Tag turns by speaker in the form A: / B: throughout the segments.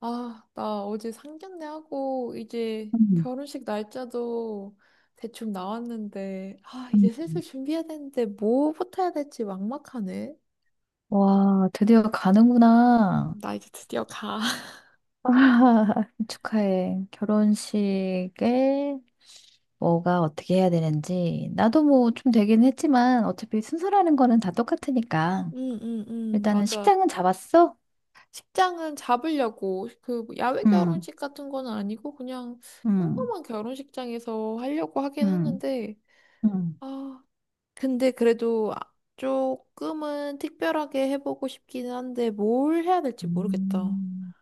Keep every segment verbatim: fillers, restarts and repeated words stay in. A: 아, 나 어제 상견례하고 이제
B: 음,
A: 결혼식 날짜도 대충 나왔는데, 아,
B: 음.
A: 이제 슬슬 준비해야 되는데 뭐부터 해야 될지 막막하네.
B: 와, 드디어 가는구나.
A: 나 이제 드디어 가.
B: 축하해. 결혼식에 뭐가 어떻게 해야 되는지. 나도 뭐 좀 되긴 했지만 어차피 순서라는 거는 다 똑같으니까.
A: 응, 응, 응,
B: 일단은
A: 맞아.
B: 식장은 잡았어?
A: 식장은 잡으려고 그 야외
B: 응,
A: 결혼식 같은 건 아니고 그냥
B: 응,
A: 평범한 결혼식장에서 하려고 하긴
B: 응,
A: 하는데,
B: 응.
A: 아, 근데 그래도 아- 조금은 특별하게 해보고 싶기는 한데 뭘 해야 될지 모르겠다.
B: 음.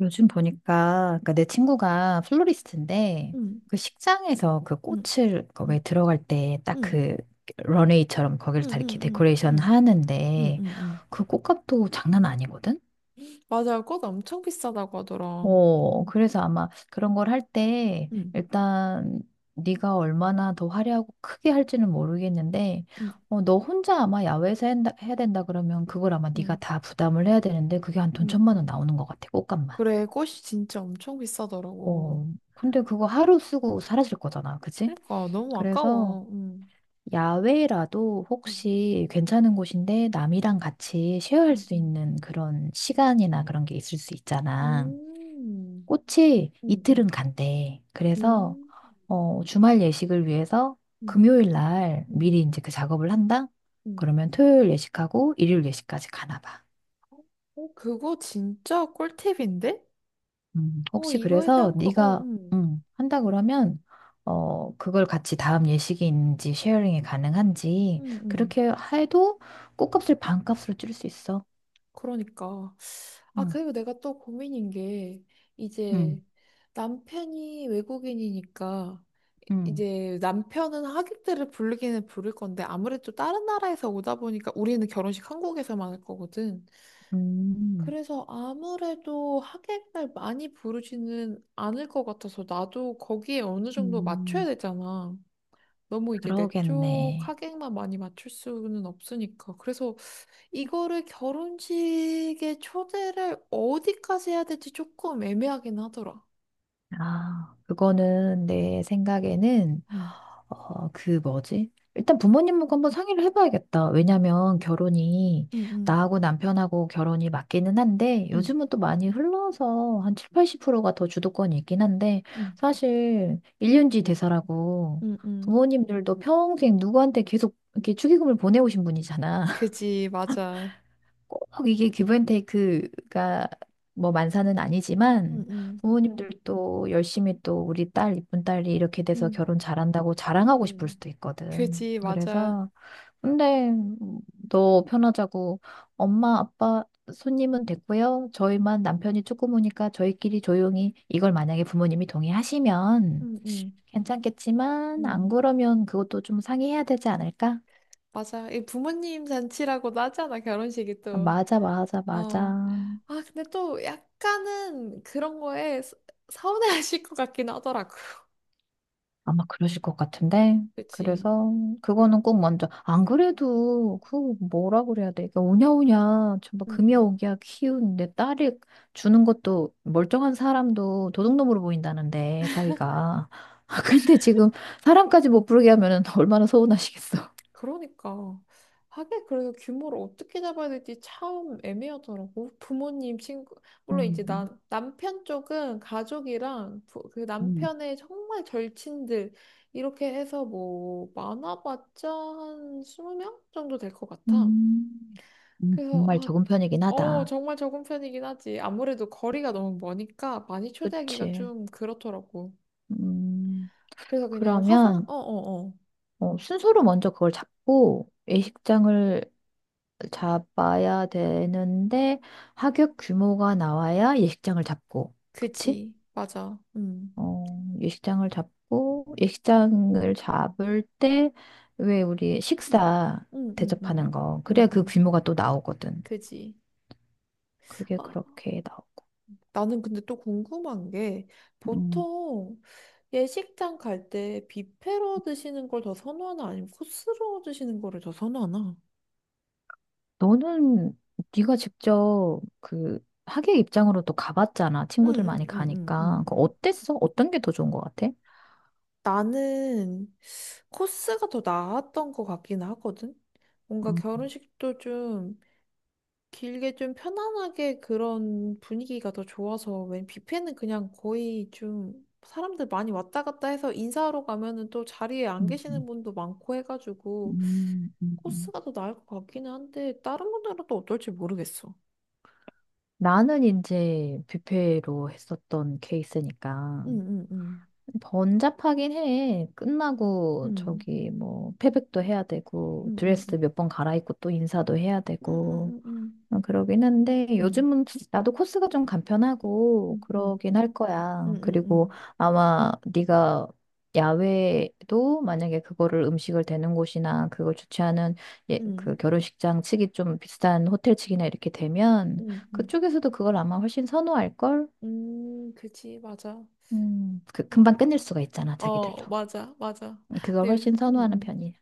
B: 요즘 보니까 그니까내 친구가 플로리스트인데
A: 응.
B: 그 식장에서 그
A: 응.
B: 꽃을 거
A: 응,
B: 기 들어갈 때 딱
A: 응,
B: 그 런웨이처럼
A: 응,
B: 거기를 다 이렇게
A: 응,
B: 데코레이션
A: 응, 응,
B: 하는데
A: 응, 응.
B: 그 꽃값도 장난 아니거든?
A: 맞아, 꽃 엄청 비싸다고 하더라.
B: 어, 그래서 아마 그런 걸 할 때
A: 응,
B: 일단 네가 얼마나 더 화려하고 크게 할지는 모르겠는데
A: 응,
B: 어, 너 혼자 아마 야외에서 한다- 해야 된다 그러면 그걸 아마 네가
A: 응,
B: 다 부담을 해야 되는데 그게 한 돈
A: 응.
B: 천만 원
A: 응.
B: 나오는 것 같아, 꽃값만.
A: 그래, 꽃이 진짜 엄청 비싸더라고.
B: 어, 근데 그거 하루 쓰고 사라질 거잖아, 그치?
A: 그러니까 너무
B: 그래서
A: 아까워. 응,
B: 야외라도
A: 응,
B: 혹시 괜찮은 곳인데
A: 응,
B: 남이랑 같이 쉐어할 수
A: 응,
B: 있는 그런 시간이나 그런 게 있을 수
A: 응.
B: 있잖아.
A: 음,
B: 꽃이
A: 응,
B: 이틀은
A: 응,
B: 간대. 그래서
A: 음,
B: 어, 주말 예식을 위해서
A: 응,
B: 금요일 날
A: 응,
B: 미리 이제 그 작업을 한다?
A: 응.
B: 그러면 토요일 예식하고 일요일 예식까지 가나 봐.
A: 어, 그거 진짜 꿀팁인데?
B: 음,
A: 어,
B: 혹시
A: 이거에
B: 그래서
A: 대한 거, 어,
B: 네가
A: 응,
B: 음, 한다 그러면 어, 그걸 같이 다음 예식이 있는지 쉐어링이 가능한지
A: 응, 응.
B: 그렇게 해도 꽃값을 반값으로 줄일 수 있어.
A: 그러니까. 아,
B: 음,
A: 그리고 내가 또 고민인 게, 이제
B: 음,
A: 남편이 외국인이니까,
B: 음,
A: 이제 남편은 하객들을 부르기는 부를 건데, 아무래도 다른 나라에서 오다 보니까 우리는 결혼식 한국에서만 할 거거든.
B: 음,
A: 그래서 아무래도 하객을 많이 부르지는 않을 것 같아서, 나도 거기에 어느 정도 맞춰야
B: 음.
A: 되잖아. 너무 이제 내 쪽
B: 그러겠네.
A: 하객만 많이 맞출 수는 없으니까. 그래서 이거를 결혼식에 초대를 어디까지 해야 될지 조금 애매하긴 하더라.
B: 아, 그거는 내 생각에는
A: 응,
B: 어, 그 뭐지? 일단 부모님하고 한번 상의를 해봐야겠다. 왜냐면 결혼이
A: 응, 응,
B: 나하고 남편하고 결혼이 맞기는 한데
A: 응,
B: 요즘은 또 많이 흘러서 한 칠십, 팔십 프로가 더 주도권이 있긴 한데
A: 응,
B: 사실 일륜지 대사라고
A: 응, 응.
B: 부모님들도 평생 누구한테 계속 이렇게 축의금을 보내오신 분이잖아.
A: 그지, 맞아.
B: 꼭 이게 기브앤테이크가 뭐 만사는
A: 응,
B: 아니지만
A: 응,
B: 부모님들도 열심히 또 우리 딸 이쁜 딸이 이렇게 돼서
A: 응.
B: 결혼 잘한다고 자랑하고 싶을
A: 응,
B: 수도 있거든.
A: 그지, 맞아.
B: 그래서 근데 너 편하자고 엄마 아빠 손님은 됐고요. 저희만 남편이 조금 오니까 저희끼리 조용히 이걸 만약에 부모님이 동의하시면
A: 응, 응,
B: 괜찮겠지만 안
A: 응.
B: 그러면 그것도 좀 상의해야 되지 않을까?
A: 맞아. 이 부모님 잔치라고도 하잖아, 결혼식이 또.
B: 맞아 맞아
A: 어.
B: 맞아.
A: 아, 근데 또 약간은 그런 거에 서- 서운해하실 것 같긴 하더라고.
B: 아마 그러실 것 같은데.
A: 그치.
B: 그래서 그거는 꼭 먼저 안 그래도 그 뭐라 그래야 돼. 그러니까 오냐오냐 전부
A: 응,
B: 금여오기야 키운 내 딸이 주는 것도 멀쩡한 사람도 도둑놈으로 보인다는데 사위가. 근데 지금 사람까지 못 부르게 하면은 얼마나 서운하시겠어.
A: 그러니까 하게 그래서 규모를 어떻게 잡아야 될지 참 애매하더라고. 부모님, 친구, 물론 이제
B: 음,
A: 남 남편 쪽은 가족이랑 부, 그
B: 음,
A: 남편의 정말 절친들 이렇게 해서 뭐 많아봤자 한 스무 명 정도 될 것 같아.
B: 음, 음,
A: 그래서
B: 정말
A: 아,
B: 적은 편이긴
A: 어,
B: 하다.
A: 정말 적은 편이긴 하지. 아무래도 거리가 너무 머니까 많이 초대하기가
B: 그치.
A: 좀 그렇더라고.
B: 음,
A: 그래서 그냥 화상,
B: 그러면,
A: 어, 어, 어.
B: 어, 순서로 먼저 그걸 잡고, 예식장을 잡아야 되는데 하객 규모가 나와야 예식장을 잡고 그치?
A: 그지. 맞아. 음.
B: 어, 예식장을 잡고 예식장을 잡을 때 왜 우리 식사
A: 음, 음,
B: 대접하는
A: 음.
B: 거
A: 음,
B: 그래야 그
A: 음.
B: 규모가 또 나오거든.
A: 그지?
B: 그게
A: 아,
B: 그렇게 나오고.
A: 나는 근데 또 궁금한 게
B: 음,
A: 보통 예식장 갈 때 뷔페로 드시는 걸 더 선호하나 아니면 코스로 드시는 거를 더 선호하나?
B: 너는 네가 직접 그 하객 입장으로 또 가봤잖아. 친구들 많이 가니까. 그
A: 응응응응응응.
B: 어땠어? 어떤 게 더 좋은 것 같아?
A: 나는 코스가 더 나았던 것 같긴 하거든. 뭔가
B: 음,
A: 결혼식도 좀 길게 좀 편안하게 그런 분위기가 더 좋아서 웬 뷔페는 그냥 거의 좀 사람들 많이 왔다 갔다 해서 인사하러 가면은 또 자리에 안 계시는
B: 음,
A: 분도 많고 해가지고
B: 음, 음.
A: 코스가 더 나을 것 같기는 한데 다른 분들은 또 어떨지 모르겠어.
B: 나는 이제 뷔페로 했었던 케이스니까
A: 응응응.
B: 번잡하긴 해. 끝나고
A: 응응응응.
B: 저기 뭐 패백도 해야 되고 드레스
A: 응응응응.
B: 몇 번 갈아입고 또 인사도 해야 되고
A: 응응응응.
B: 어, 그러긴 한데 요즘은 나도 코스가 좀 간편하고
A: 응응응.
B: 그러긴 할
A: 응
B: 거야.
A: 응응
B: 그리고
A: 응응.
B: 아마 네가 야외도 만약에 그거를 음식을 대는 곳이나 그걸 주최하는
A: 음, 음, 음, 음.
B: 예,
A: 음, 음, 음.
B: 그 결혼식장 측이 좀 비싼 호텔 측이나 이렇게 되면
A: 음, 음, 음. 음, 음, 음.
B: 그쪽에서도 그걸 아마 훨씬 선호할 걸.
A: 음, 그치, 맞아.
B: 음, 그
A: 어,
B: 금방 끝낼 수가 있잖아, 자기들도.
A: 어, 맞아, 맞아.
B: 음, 그걸
A: 네,
B: 훨씬 선호하는
A: 응응.
B: 편이야.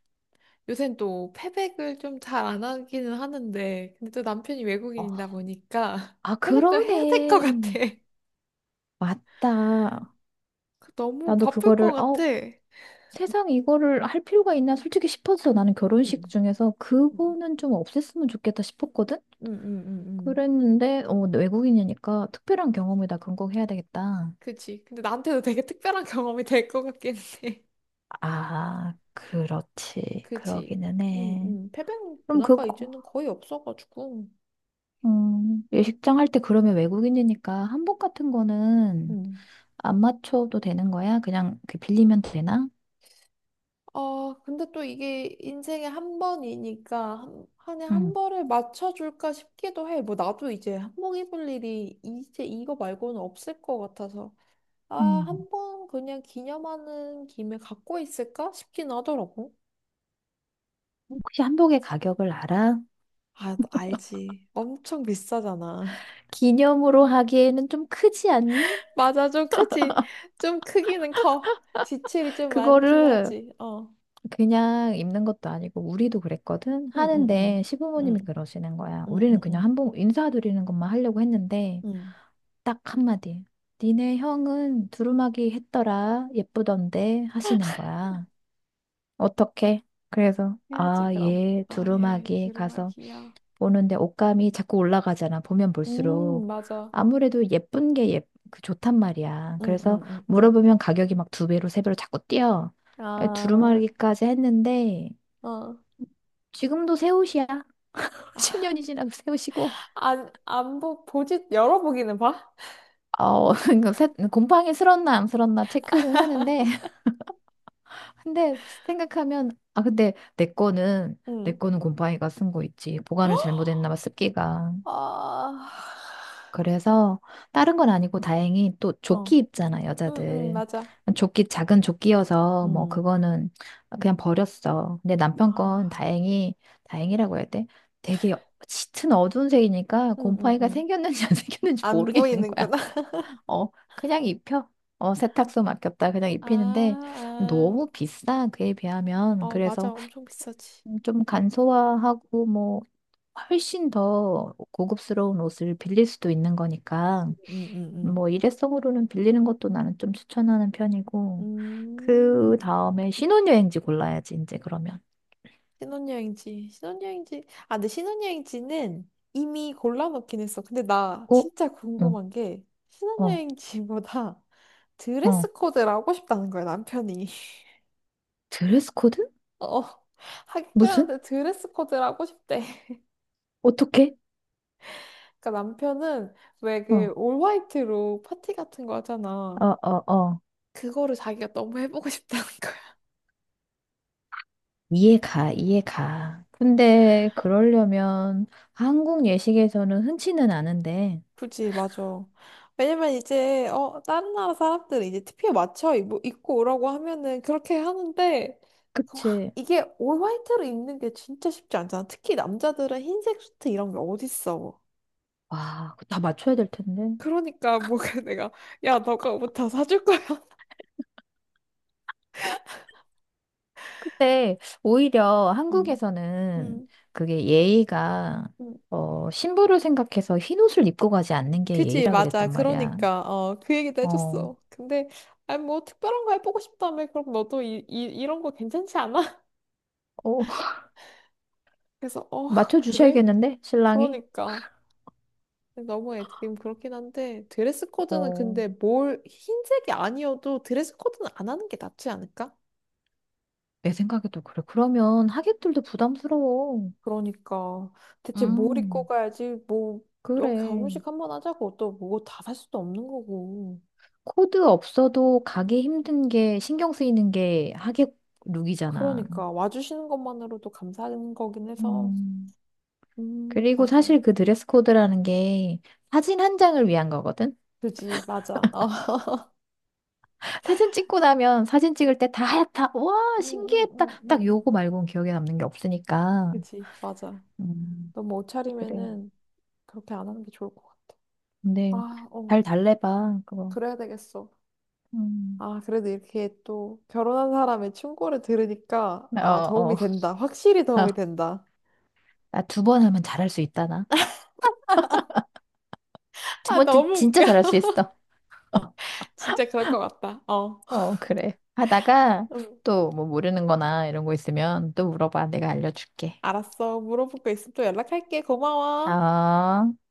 A: 요새는 또 패백을 좀 잘 안 하기는 하는데, 근데 또 남편이
B: 어,
A: 외국인이다 보니까
B: 아,
A: 패백도 해야 될 것 같아.
B: 그러네. 맞다.
A: 너무
B: 나도
A: 바쁠 것
B: 그거를
A: 같아.
B: 어 세상 이거를 할 필요가 있나 솔직히 싶어서 나는
A: 응
B: 결혼식
A: 응응응응
B: 중에서 그거는 좀 없앴으면 좋겠다 싶었거든? 그랬는데, 어, 외국인이니까 특별한 경험에다 근거해야 되겠다.
A: 그지. 근데 나한테도 되게 특별한 경험이 될 것 같긴 해.
B: 아, 그렇지.
A: 그지.
B: 그러기는 해.
A: 응응 패백
B: 그럼
A: 문화가
B: 그거,
A: 이제는 거의 없어가지고.
B: 음, 예식장 할 때 그러면 외국인이니까 한복 같은 거는
A: 응
B: 안 맞춰도 되는 거야? 그냥 그 빌리면 되나?
A: 아, 근데 또 이게 인생에 한 번이니까 한, 한해 한
B: 응.
A: 벌을 맞춰줄까 싶기도 해. 뭐 나도 이제 한복 입을 일이 이제 이거 말고는 없을 것 같아서. 아,
B: 음.
A: 한 번 그냥 기념하는 김에 갖고 있을까 싶긴 하더라고.
B: 혹시 한복의 가격을 알아?
A: 아, 너 알지. 엄청 비싸잖아.
B: 기념으로 하기에는 좀 크지 않니?
A: 맞아, 좀 크지. 좀 크기는 커. 지출이 좀 많긴
B: 그거를
A: 하지. 어.
B: 그냥 입는 것도 아니고 우리도 그랬거든.
A: 응, 응, 응.
B: 하는데 시부모님이
A: 응,
B: 그러시는 거야.
A: 응,
B: 우리는
A: 응,
B: 그냥
A: 응.
B: 한 번 인사드리는 것만 하려고 했는데
A: 응.
B: 딱 한마디. 니네 형은 두루마기 했더라. 예쁘던데 하시는 거야. 어떻게? 그래서
A: 해야지,
B: 아,
A: 그럼.
B: 얘
A: 아, 예.
B: 두루마기 가서
A: 두루마기야.
B: 보는데 옷감이 자꾸 올라가잖아. 보면
A: 음,
B: 볼수록
A: 맞아.
B: 아무래도 예쁜 게 예, 그 좋단 말이야.
A: 응,
B: 그래서
A: 응, 응, 응.
B: 물어보면 가격이 막 두 배로 세 배로 자꾸 뛰어. "아,
A: 아,
B: 두루마기까지 했는데
A: 어.
B: 지금도 새 옷이야. 십 년이 지나도 새 옷이고.
A: 안, 안 보, 보지, 열어보기는 봐?
B: 어, 이거 새- 곰팡이 슬었나 안 슬었나 체크는 하는데, 근데 생각하면, 아, 근데 내 거는, 내
A: 응.
B: 거는 곰팡이가 쓴 거 있지. 보관을 잘못했나 봐, 습기가.
A: 아,
B: 그래서 다른 건 아니고 다행히 또
A: 어.
B: 조끼 입잖아,
A: 응, 응,
B: 여자들.
A: 맞아.
B: 조끼, 작은 조끼여서 뭐
A: 음.
B: 그거는 그냥 버렸어. 근데
A: 아,
B: 남편 건 다행히, 다행이라고 해야 돼? 되게 짙은 어두운 색이니까
A: 응, 응,
B: 곰팡이가
A: 응.
B: 생겼는지 안 생겼는지
A: 안
B: 모르겠는 거야.
A: 보이는구나.
B: 어, 그냥 입혀. 어, 세탁소 맡겼다. 그냥
A: 아,
B: 입히는데
A: 아.
B: 너무 비싸. 그에 비하면.
A: 어, 맞아.
B: 그래서
A: 엄청 비싸지.
B: 좀 간소화하고 뭐 훨씬 더 고급스러운 옷을 빌릴 수도 있는 거니까.
A: 음, 음, 음.
B: 뭐 일회성으로는 빌리는 것도 나는 좀 추천하는 편이고 그
A: 음.
B: 다음에 신혼여행지 골라야지 이제 그러면
A: 신혼여행지, 신혼여행지. 아, 근데 신혼여행지는 이미 골라놓긴 했어. 근데 나
B: 어?
A: 진짜
B: 어,
A: 궁금한 게
B: 어,
A: 신혼여행지보다
B: 어.
A: 드레스 코드를 하고 싶다는 거야, 남편이.
B: 드레스 코드?
A: 어,
B: 무슨?
A: 하객들한테 드레스 코드를 하고 싶대.
B: 어떻게?
A: 그러니까 남편은 왜
B: 어,
A: 그 올 화이트로 파티 같은 거 하잖아.
B: 어, 어, 어.
A: 그거를 자기가 너무 해보고 싶다는 거야.
B: 이해가, 이해가. 근데 그러려면 한국 예식에서는 흔치는 않은데
A: 그지, 맞아. 왜냐면 이제, 어, 다른 나라 사람들은 이제 티피에 맞춰 입, 입고 오라고 하면은 그렇게 하는데, 그 확-
B: 그치?
A: 이게 올 화이트로 입는 게 진짜 쉽지 않잖아. 특히 남자들은 흰색 수트 이런 게 어딨어.
B: 와, 그거 다 맞춰야 될 텐데
A: 그러니까 뭐 내가, 야, 너가 옷 다 사줄 거야.
B: 근데 오히려
A: 음.
B: 한국에서는
A: 음,
B: 그게 예의가
A: 음.
B: 어, 신부를 생각해서 흰옷을 입고 가지 않는 게
A: 그지,
B: 예의라
A: 맞아.
B: 그랬단 말이야.
A: 그러니까, 어, 그 얘기도
B: 어,
A: 해줬어. 근데, 아니, 뭐, 특별한 거 해보고 싶다며. 그럼 너도 이, 이, 이런 거 괜찮지 않아?
B: 어,
A: 그래서, 어, 그래?
B: 맞춰주셔야겠는데, 신랑이?
A: 그러니까. 너무 애드림 그렇긴 한데 드레스 코드는
B: 어,
A: 근데 뭘 흰색이 아니어도 드레스 코드는 안 하는 게 낫지 않을까?
B: 내 생각에도 그래. 그러면 하객들도 부담스러워.
A: 그러니까 대체 뭘 입고
B: 음,
A: 가야지 뭐 어,
B: 그래.
A: 결혼식 한번 하자고 또 뭐 다 살 수도 없는 거고
B: 코드 없어도 가기 힘든 게 신경 쓰이는 게 하객 룩이잖아.
A: 그러니까 와주시는 것만으로도 감사한 거긴 해서
B: 음,
A: 음
B: 그리고
A: 맞아
B: 사실 그 드레스 코드라는 게 사진 한 장을 위한 거거든?
A: 그지 맞아 어.
B: 사진 찍고 나면 사진 찍을 때 다 하얗다. 와,
A: 음, 음,
B: 신기했다.
A: 음, 음,
B: 딱
A: 음.
B: 요거 말고는 기억에 남는 게 없으니까.
A: 그지 맞아
B: 음,
A: 너무
B: 그래.
A: 옷차림에는 그렇게 안 하는 게 좋을 것 같아
B: 근데
A: 아 어
B: 잘 달래봐. 그거.
A: 그래야 되겠어
B: 음.
A: 아, 그래도 이렇게 또 결혼한 사람의 충고를 들으니까, 아,
B: 어,
A: 도움이
B: 어.
A: 된다. 확실히 도움이 된다.
B: 나 두 번 하면 잘할 수 있다, 나. 두
A: 아,
B: 번째
A: 너무
B: 진짜
A: 웃겨.
B: 잘할 수 있어.
A: 진짜 그럴 것 같다. 어.
B: 어, 그래. 하다가
A: 음,
B: 또 뭐 모르는 거나 이런 거 있으면 또 물어봐. 내가 알려줄게.
A: 알았어. 물어볼 거 있으면 또 연락할게. 고마워.
B: 어.